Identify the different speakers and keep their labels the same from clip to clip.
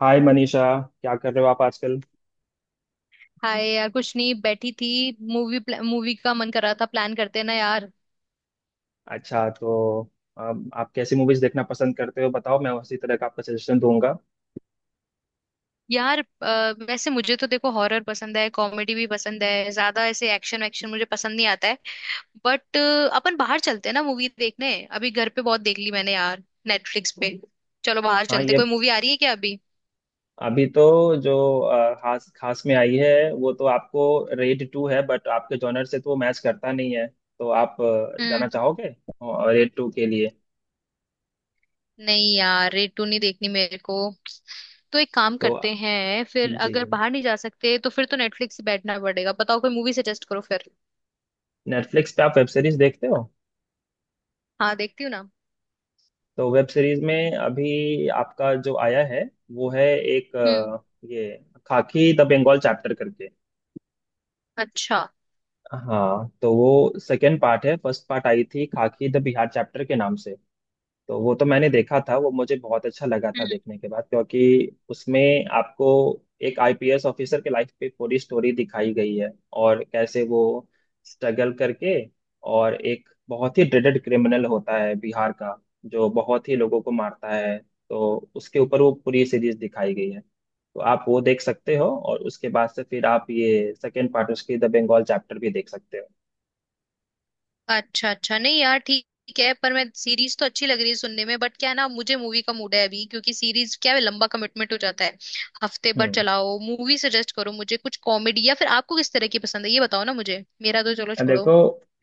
Speaker 1: हाय मनीषा। क्या कर रहे हो आप आजकल।
Speaker 2: हाय यार, कुछ नहीं बैठी थी। मूवी। मूवी का मन कर रहा था। प्लान करते हैं ना यार।
Speaker 1: अच्छा तो आप कैसी मूवीज देखना पसंद करते हो बताओ, मैं उसी तरह का आपका सजेशन दूंगा।
Speaker 2: यार वैसे मुझे तो देखो हॉरर पसंद है, कॉमेडी भी पसंद है, ज्यादा ऐसे एक्शन वैक्शन मुझे पसंद नहीं आता है। बट अपन बाहर चलते हैं ना मूवी देखने। अभी घर पे बहुत देख ली मैंने यार नेटफ्लिक्स पे। चलो बाहर
Speaker 1: हाँ
Speaker 2: चलते,
Speaker 1: ये
Speaker 2: कोई मूवी आ रही है क्या अभी।
Speaker 1: अभी तो जो खास खास में आई है वो तो आपको रेड टू है, बट आपके जॉनर से तो वो मैच करता नहीं है, तो आप जाना
Speaker 2: हम्म।
Speaker 1: चाहोगे रेड टू के लिए।
Speaker 2: नहीं यार, रेटू नहीं देखनी मेरे को। तो एक काम
Speaker 1: तो
Speaker 2: करते हैं फिर,
Speaker 1: जी
Speaker 2: अगर बाहर नहीं जा सकते तो फिर तो नेटफ्लिक्स से बैठना पड़ेगा। बताओ, कोई मूवी सजेस्ट करो फिर।
Speaker 1: नेटफ्लिक्स पे आप वेब सीरीज देखते हो।
Speaker 2: हाँ, देखती हूँ ना।
Speaker 1: तो वेब सीरीज में अभी आपका जो आया है वो है एक
Speaker 2: हम्म।
Speaker 1: ये खाकी द बंगाल चैप्टर करके।
Speaker 2: अच्छा।
Speaker 1: हाँ तो वो सेकेंड पार्ट है, फर्स्ट पार्ट आई थी खाकी द बिहार चैप्टर के नाम से। तो वो तो मैंने देखा था, वो मुझे बहुत अच्छा लगा था
Speaker 2: हम्म।
Speaker 1: देखने के बाद, क्योंकि उसमें आपको एक आईपीएस ऑफिसर के लाइफ पे पूरी स्टोरी दिखाई गई है। और कैसे वो स्ट्रगल करके, और एक बहुत ही ड्रेडेड क्रिमिनल होता है बिहार का, जो बहुत ही लोगों को मारता है। तो उसके ऊपर वो पूरी सीरीज दिखाई गई है। तो आप वो देख सकते हो, और उसके बाद से फिर आप ये सेकेंड पार्ट उसकी द बंगाल चैप्टर भी देख सकते
Speaker 2: अच्छा अच्छा, नहीं यार, ठीक ठीक है। पर मैं, सीरीज तो अच्छी लग रही है सुनने में बट क्या है ना, मुझे मूवी का मूड है अभी, क्योंकि सीरीज क्या है, लंबा कमिटमेंट हो जाता है हफ्ते
Speaker 1: हो।
Speaker 2: भर चलाओ। मूवी सजेस्ट करो मुझे कुछ कॉमेडी, या फिर आपको किस तरह की पसंद है ये बताओ ना मुझे, मेरा तो चलो
Speaker 1: देखो,
Speaker 2: छोड़ो।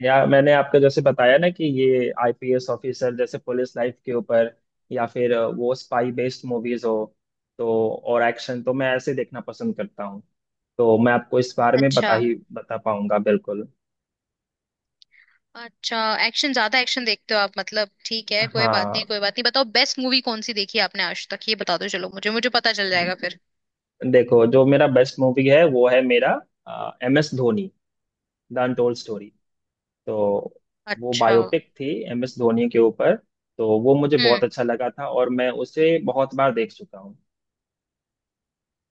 Speaker 1: या मैंने आपको जैसे बताया ना, कि ये आईपीएस ऑफिसर जैसे पुलिस लाइफ के ऊपर, या फिर वो स्पाई बेस्ड मूवीज हो, तो और एक्शन तो मैं ऐसे देखना पसंद करता हूँ। तो मैं आपको इस बारे में
Speaker 2: अच्छा।
Speaker 1: बता ही बता पाऊंगा बिल्कुल।
Speaker 2: अच्छा। एक्शन, ज्यादा एक्शन देखते हो आप, मतलब ठीक है, कोई बात
Speaker 1: हाँ
Speaker 2: नहीं कोई बात नहीं। बताओ, बेस्ट मूवी कौन सी देखी है आपने आज तक, ये बता दो चलो, मुझे मुझे पता चल जाएगा फिर।
Speaker 1: देखो, जो मेरा बेस्ट मूवी है वो है मेरा M S Dhoni the untold story. तो वो
Speaker 2: अच्छा।
Speaker 1: बायोपिक थी एम एस धोनी के ऊपर। तो वो मुझे
Speaker 2: हम्म।
Speaker 1: बहुत अच्छा लगा था, और मैं उसे बहुत बार देख चुका हूँ।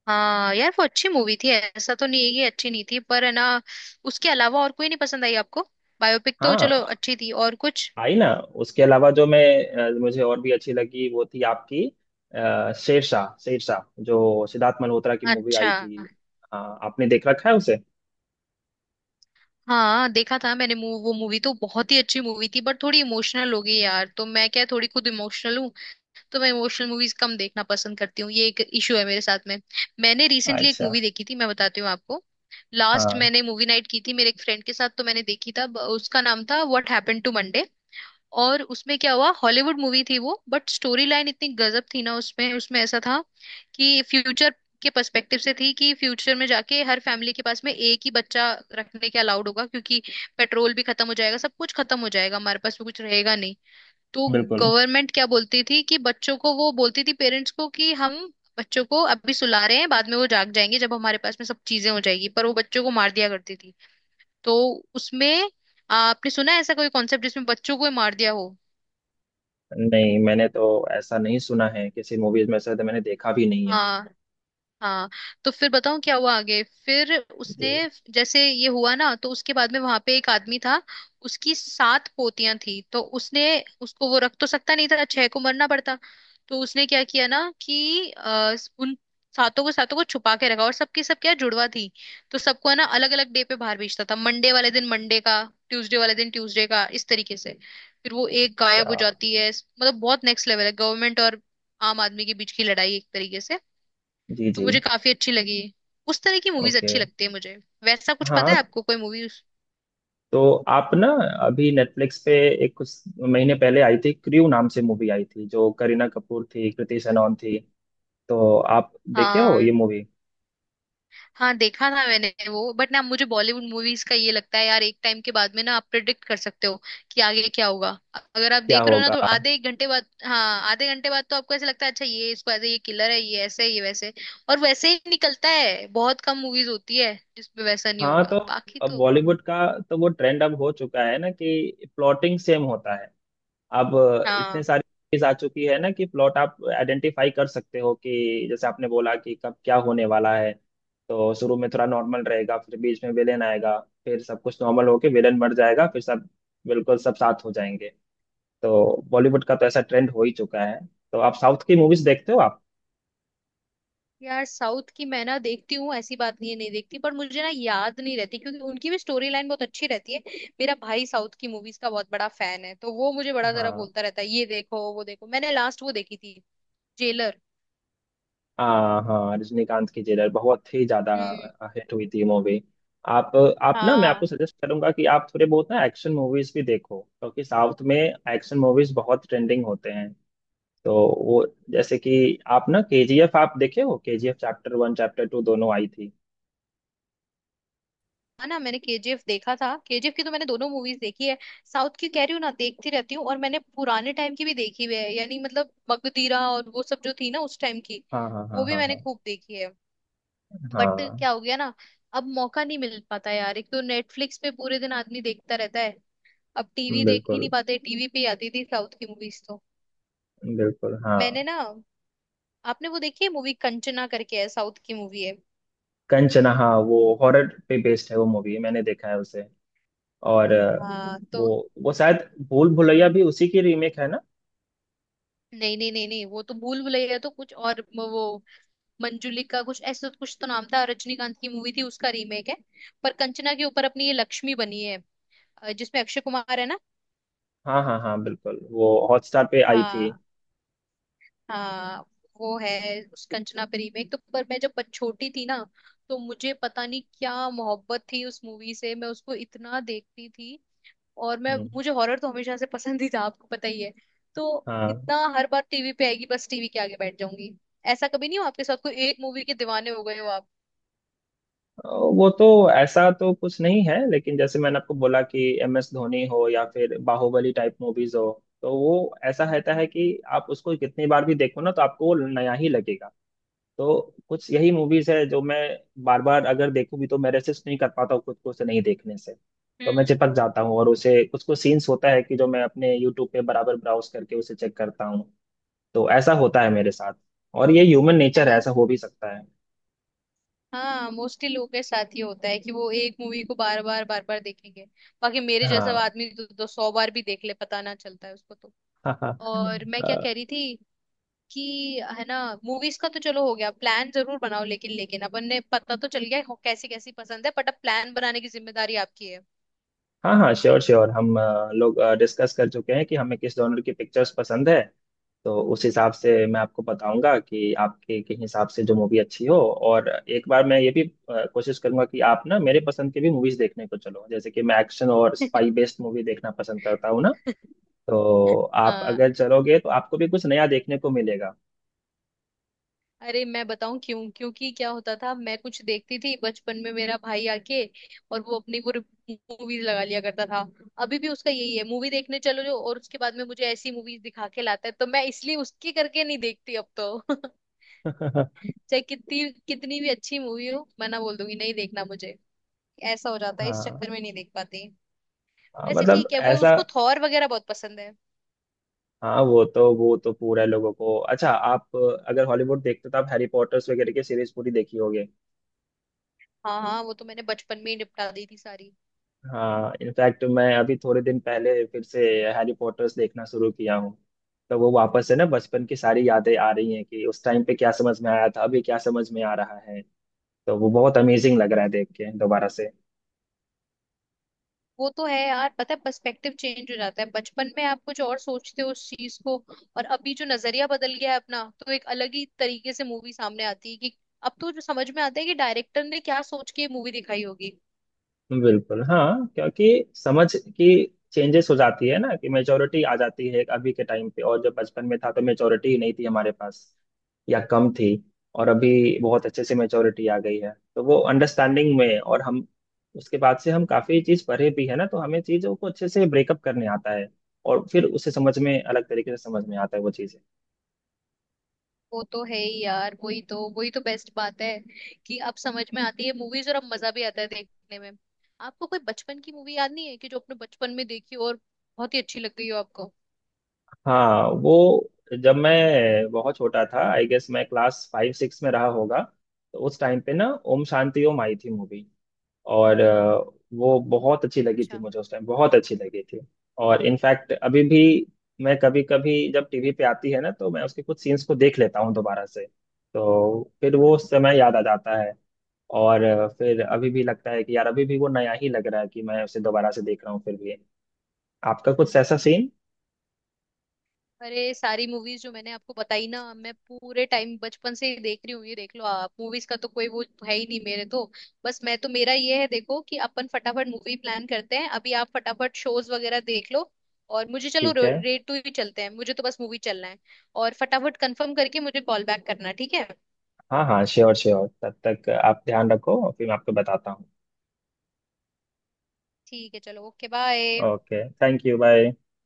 Speaker 2: हाँ यार, वो अच्छी मूवी थी, ऐसा तो नहीं है कि अच्छी नहीं थी, पर है ना। उसके अलावा और कोई नहीं पसंद आई आपको? बायोपिक तो चलो
Speaker 1: हाँ
Speaker 2: अच्छी थी, और कुछ?
Speaker 1: आई ना। उसके अलावा जो मुझे और भी अच्छी लगी वो थी आपकी शेरशाह। शेरशाह जो सिद्धार्थ मल्होत्रा की मूवी
Speaker 2: अच्छा।
Speaker 1: आई थी। हाँ आपने देख रखा है उसे।
Speaker 2: हाँ देखा था मैंने वो मूवी तो बहुत ही अच्छी मूवी थी बट थोड़ी इमोशनल हो गई यार, तो मैं क्या, थोड़ी खुद इमोशनल हूँ। तो मैं इमोशनल मूवीज कम देखना पसंद करती हूँ, ये एक इशू है मेरे साथ में। मैंने रिसेंटली एक
Speaker 1: अच्छा।
Speaker 2: मूवी देखी थी, मैं बताती हूँ आपको। लास्ट
Speaker 1: हाँ
Speaker 2: मैंने मूवी नाइट की थी मेरे एक फ्रेंड के साथ, तो मैंने देखी था उसका नाम था व्हाट हैपेंड टू मंडे। और उसमें क्या हुआ, हॉलीवुड मूवी थी वो बट स्टोरी लाइन इतनी गजब थी ना, उसमें उसमें ऐसा था कि फ्यूचर के पर्सपेक्टिव से थी, कि फ्यूचर में जाके हर फैमिली के पास में एक ही बच्चा रखने के अलाउड होगा, क्योंकि पेट्रोल भी खत्म हो जाएगा, सब कुछ खत्म हो जाएगा, हमारे पास भी कुछ रहेगा नहीं। तो
Speaker 1: बिल्कुल।
Speaker 2: गवर्नमेंट क्या बोलती थी कि बच्चों को, वो बोलती थी पेरेंट्स को कि हम बच्चों को अभी सुला रहे हैं, बाद में वो जाग जाएंगे जब हमारे पास में सब चीजें हो जाएगी, पर वो बच्चों को मार दिया करती थी। तो उसमें आपने सुना है ऐसा कोई कॉन्सेप्ट जिसमें बच्चों को ही मार दिया हो?
Speaker 1: नहीं, मैंने तो ऐसा नहीं सुना है किसी मूवीज में से, तो मैंने देखा भी नहीं है।
Speaker 2: हाँ। हाँ। तो फिर बताऊं क्या हुआ आगे फिर।
Speaker 1: जी।
Speaker 2: उसने, जैसे ये हुआ ना, तो उसके बाद में वहां पे एक आदमी था। उसकी 7 पोतियां थी, तो उसने, उसको वो रख तो सकता नहीं था, 6 को मरना पड़ता। तो उसने क्या किया ना कि उन 7ों को, 7ों को छुपा के रखा, और सबकी सब क्या, जुड़वा थी। तो सबको है ना अलग अलग डे पे बाहर भेजता था। मंडे वाले दिन मंडे का, ट्यूसडे वाले दिन ट्यूसडे का, इस तरीके से। फिर वो एक गायब
Speaker 1: अच्छा।
Speaker 2: हो जाती है। मतलब बहुत नेक्स्ट लेवल है, गवर्नमेंट और आम आदमी के बीच की लड़ाई एक तरीके से।
Speaker 1: जी
Speaker 2: तो
Speaker 1: जी।
Speaker 2: मुझे काफी अच्छी लगी। उस तरह की मूवीज
Speaker 1: ओके।
Speaker 2: अच्छी लगती है मुझे। वैसा कुछ पता
Speaker 1: हाँ
Speaker 2: है आपको कोई मूवी?
Speaker 1: तो आप ना अभी नेटफ्लिक्स पे एक कुछ महीने पहले आई थी क्रू नाम से, मूवी आई थी जो करीना कपूर थी, कृति सेनन थी। तो आप देखे हो ये
Speaker 2: हाँ।
Speaker 1: मूवी।
Speaker 2: हाँ देखा था मैंने वो, बट ना मुझे बॉलीवुड मूवीज का ये लगता है यार, एक टाइम के बाद में ना आप प्रिडिक्ट कर सकते हो कि आगे क्या होगा। अगर आप
Speaker 1: क्या
Speaker 2: देख रहे हो ना
Speaker 1: होगा।
Speaker 2: तो आधे एक घंटे बाद, हाँ आधे घंटे बाद तो आपको ऐसे लगता है, अच्छा ये इसको ऐसे, ये किलर है, ये ऐसे, ये वैसे, और वैसे ही निकलता है। बहुत कम मूवीज होती है जिसमें वैसा नहीं
Speaker 1: हाँ
Speaker 2: होगा,
Speaker 1: तो
Speaker 2: बाकी
Speaker 1: अब
Speaker 2: तो।
Speaker 1: बॉलीवुड का तो वो ट्रेंड अब हो चुका है ना कि प्लॉटिंग सेम होता है। अब इतने
Speaker 2: हाँ।
Speaker 1: सारी चीज आ चुकी है ना कि प्लॉट आप आइडेंटिफाई कर सकते हो, कि जैसे आपने बोला कि कब क्या होने वाला है। तो शुरू में थोड़ा नॉर्मल रहेगा, फिर बीच में विलेन आएगा, फिर सब कुछ नॉर्मल होके विलेन मर जाएगा, फिर सब बिल्कुल सब साथ हो जाएंगे। तो बॉलीवुड का तो ऐसा ट्रेंड हो ही चुका है। तो आप साउथ की मूवीज देखते हो आप।
Speaker 2: यार साउथ की मैं ना देखती हूँ, ऐसी बात नहीं है नहीं देखती, पर मुझे ना याद नहीं रहती, क्योंकि उनकी भी स्टोरी लाइन बहुत अच्छी रहती है। मेरा भाई साउथ की मूवीज का बहुत बड़ा फैन है, तो वो मुझे बड़ा जरा
Speaker 1: हाँ
Speaker 2: बोलता रहता है ये देखो वो देखो। मैंने लास्ट वो देखी थी जेलर।
Speaker 1: हाँ, हाँ रजनीकांत की जेलर बहुत ही ज्यादा
Speaker 2: हम्म।
Speaker 1: हिट हुई थी मूवी। आप आप ना मैं आपको
Speaker 2: हाँ,
Speaker 1: सजेस्ट करूंगा कि आप थोड़े बहुत ना एक्शन मूवीज भी देखो, क्योंकि साउथ में एक्शन मूवीज बहुत ट्रेंडिंग होते हैं। तो वो जैसे कि आप ना केजीएफ, आप देखे हो KGF chapter one chapter two दोनों आई थी।
Speaker 2: है ना, मैंने केजीएफ देखा था, केजीएफ की तो मैंने दोनों मूवीज देखी है। साउथ की कह रही हूँ ना, देखती रहती हूँ, और मैंने पुराने टाइम की भी देखी हुई है, यानी मतलब मगधीरा और वो सब जो थी ना उस टाइम की,
Speaker 1: हाँ हाँ
Speaker 2: वो
Speaker 1: हाँ
Speaker 2: भी
Speaker 1: हाँ
Speaker 2: मैंने
Speaker 1: हाँ।
Speaker 2: खूब देखी है। बट
Speaker 1: हाँ
Speaker 2: क्या हो गया ना, अब मौका नहीं मिल पाता यार, एक तो नेटफ्लिक्स पे पूरे दिन आदमी देखता रहता है, अब टीवी देख ही
Speaker 1: बिल्कुल।
Speaker 2: नहीं पाते, टीवी पे ही आती थी साउथ की मूवीज तो।
Speaker 1: बिल्कुल हाँ।
Speaker 2: मैंने ना, आपने वो देखी है मूवी कंचना करके, है साउथ की मूवी है।
Speaker 1: कंचना हाँ, वो हॉरर पे बेस्ड है, वो मूवी मैंने देखा है उसे। और
Speaker 2: हाँ तो,
Speaker 1: वो वो शायद भूल भुलैया भी उसी की रीमेक है ना।
Speaker 2: नहीं नहीं नहीं नहीं, वो तो भूल भुलैया तो कुछ और वो मंजुलिका कुछ, ऐसा कुछ तो नाम था, रजनीकांत की मूवी थी उसका रीमेक है। पर कंचना के ऊपर अपनी ये लक्ष्मी बनी है, जिसमें अक्षय कुमार है ना।
Speaker 1: हाँ हाँ हाँ बिल्कुल, वो हॉटस्टार पे आई थी।
Speaker 2: हाँ। हाँ। वो है उस कंचना पे रीमेक तो। पर मैं जब छोटी थी ना, तो मुझे पता नहीं क्या मोहब्बत थी उस मूवी से, मैं उसको इतना देखती थी। और मैं,
Speaker 1: हम्म।
Speaker 2: मुझे हॉरर तो हमेशा से पसंद ही था, आपको पता ही है। तो
Speaker 1: हाँ
Speaker 2: इतना, हर बार टीवी पे आएगी बस टीवी के आगे बैठ जाऊंगी। ऐसा कभी नहीं हो आपके साथ कोई एक मूवी के दीवाने हो गए हो आप?
Speaker 1: वो तो ऐसा तो कुछ नहीं है, लेकिन जैसे मैंने आपको बोला कि एम एस धोनी हो या फिर बाहुबली टाइप मूवीज हो, तो वो ऐसा रहता है कि आप उसको कितनी बार भी देखो ना तो आपको वो नया ही लगेगा। तो कुछ यही मूवीज है जो मैं बार बार अगर देखूं भी तो मैं रेसिस्ट नहीं कर पाता हूँ खुद को उसे नहीं देखने से। तो मैं
Speaker 2: हम्म।
Speaker 1: चिपक जाता हूँ, और उसे कुछ कुछ सीन्स होता है कि जो मैं अपने यूट्यूब पे बराबर ब्राउज करके उसे चेक करता हूँ। तो ऐसा होता है मेरे साथ। और ये ह्यूमन
Speaker 2: है
Speaker 1: नेचर है,
Speaker 2: ना।
Speaker 1: ऐसा हो भी सकता है।
Speaker 2: हाँ, मोस्टली लोगों के साथ ही होता है कि वो एक मूवी को बार बार बार बार देखेंगे। बाकी मेरे जैसा
Speaker 1: हाँ
Speaker 2: आदमी तो 100 बार भी देख ले पता ना चलता है उसको तो।
Speaker 1: हाँ हाँ।
Speaker 2: और मैं क्या कह
Speaker 1: अ,
Speaker 2: रही थी कि, है ना, मूवीज का तो चलो हो गया प्लान, जरूर बनाओ लेकिन, लेकिन अपन ने पता तो चल गया कैसी कैसी पसंद है, बट अब प्लान बनाने की जिम्मेदारी आपकी है।
Speaker 1: हाँ हाँ श्योर श्योर। लोग डिस्कस कर चुके हैं कि हमें किस जॉनर की पिक्चर्स पसंद है। तो उस हिसाब से मैं आपको बताऊंगा कि आपके के हिसाब से जो मूवी अच्छी हो। और एक बार मैं ये भी कोशिश करूंगा कि आप ना मेरे पसंद की भी मूवीज देखने को चलो, जैसे कि मैं एक्शन और स्पाई बेस्ड मूवी देखना पसंद करता हूँ ना। तो आप
Speaker 2: हाँ।
Speaker 1: अगर चलोगे तो आपको भी कुछ नया देखने को मिलेगा।
Speaker 2: अरे मैं बताऊं क्यों, क्योंकि क्या होता था, मैं कुछ देखती थी बचपन में, मेरा भाई आके और वो अपनी वो मूवीज लगा लिया करता था। अभी भी उसका यही है, मूवी देखने चलो जो, और उसके बाद में मुझे ऐसी मूवीज दिखा के लाता है, तो मैं इसलिए उसकी करके नहीं देखती अब तो। चाहे कितनी कितनी भी अच्छी मूवी हो, मैं ना बोल दूंगी नहीं देखना मुझे। ऐसा हो जाता है, इस
Speaker 1: हाँ
Speaker 2: चक्कर में नहीं देख पाती।
Speaker 1: हाँ,
Speaker 2: वैसे
Speaker 1: मतलब
Speaker 2: ठीक है, वो
Speaker 1: ऐसा।
Speaker 2: उसको थॉर वगैरह बहुत पसंद है।
Speaker 1: हाँ वो तो पूरा है लोगों को अच्छा। आप अगर हॉलीवुड देखते हो तो आप हैरी पॉटर्स वगैरह की सीरीज पूरी देखी होगी।
Speaker 2: हाँ हाँ, वो तो मैंने बचपन में ही निपटा दी थी सारी।
Speaker 1: हाँ इनफैक्ट मैं अभी थोड़े दिन पहले फिर से हैरी पॉटर्स देखना शुरू किया हूँ। तो वो वापस है ना बचपन की सारी यादें आ रही हैं कि उस टाइम पे क्या समझ में आया था, अभी क्या समझ में आ रहा है। तो वो बहुत अमेजिंग लग रहा है देख के दोबारा से।
Speaker 2: वो तो है यार, पता है पर्सपेक्टिव चेंज हो जाता है, बचपन में आप कुछ और सोचते हो उस चीज को, और अभी जो नजरिया बदल गया है अपना, तो एक अलग ही तरीके से मूवी सामने आती है। कि अब तो जो समझ में आता है कि डायरेक्टर ने क्या सोच के मूवी दिखाई होगी।
Speaker 1: बिल्कुल हाँ, क्योंकि समझ की चेंजेस हो जाती है ना, कि मेजोरिटी आ जाती है अभी के टाइम पे, और जब बचपन में था तो मेजोरिटी ही नहीं थी हमारे पास, या कम थी। और अभी बहुत अच्छे से मैच्योरिटी आ गई है। तो वो अंडरस्टैंडिंग में, और हम उसके बाद से हम काफी चीज पढ़े भी है ना, तो हमें चीजों को अच्छे से ब्रेकअप करने आता है। और फिर उसे समझ में अलग तरीके से समझ में आता है वो चीजें।
Speaker 2: वो तो है ही यार, वही तो, वही तो बेस्ट बात है कि अब समझ में आती है मूवीज और अब मजा भी आता है देखने में। आपको कोई बचपन की मूवी याद नहीं है कि जो अपने बचपन में देखी हो और बहुत ही अच्छी लग गई हो आपको?
Speaker 1: हाँ वो जब मैं बहुत छोटा था, आई गेस मैं क्लास फाइव सिक्स में रहा होगा। तो उस टाइम पे ना ओम शांति ओम आई थी मूवी। और वो बहुत अच्छी लगी थी
Speaker 2: अच्छा।
Speaker 1: मुझे, उस टाइम बहुत अच्छी लगी थी। और इनफैक्ट अभी भी मैं कभी कभी जब टीवी पे आती है ना तो मैं उसके कुछ सीन्स को देख लेता हूँ दोबारा से। तो फिर वो उस समय याद आ जाता है। और फिर अभी भी लगता है कि यार अभी भी वो नया ही लग रहा है कि मैं उसे दोबारा से देख रहा हूँ फिर भी। आपका कुछ ऐसा सीन।
Speaker 2: अरे सारी मूवीज जो मैंने आपको बताई ना, मैं पूरे टाइम बचपन से ही देख रही हूँ, ये देख लो आप, मूवीज का तो कोई वो है ही नहीं मेरे तो। बस मैं तो, मेरा ये है देखो कि अपन फटाफट मूवी प्लान करते हैं। अभी आप फटाफट शोज वगैरह देख लो, और मुझे चलो
Speaker 1: ठीक है।
Speaker 2: रेट टू ही चलते हैं, मुझे तो बस मूवी चलना है। और फटाफट कंफर्म करके मुझे कॉल बैक करना, ठीक है?
Speaker 1: हाँ हाँ श्योर श्योर, तब तक आप ध्यान रखो और फिर मैं आपको बताता हूँ।
Speaker 2: ठीक है, चलो okay bye.
Speaker 1: Okay thank you bye.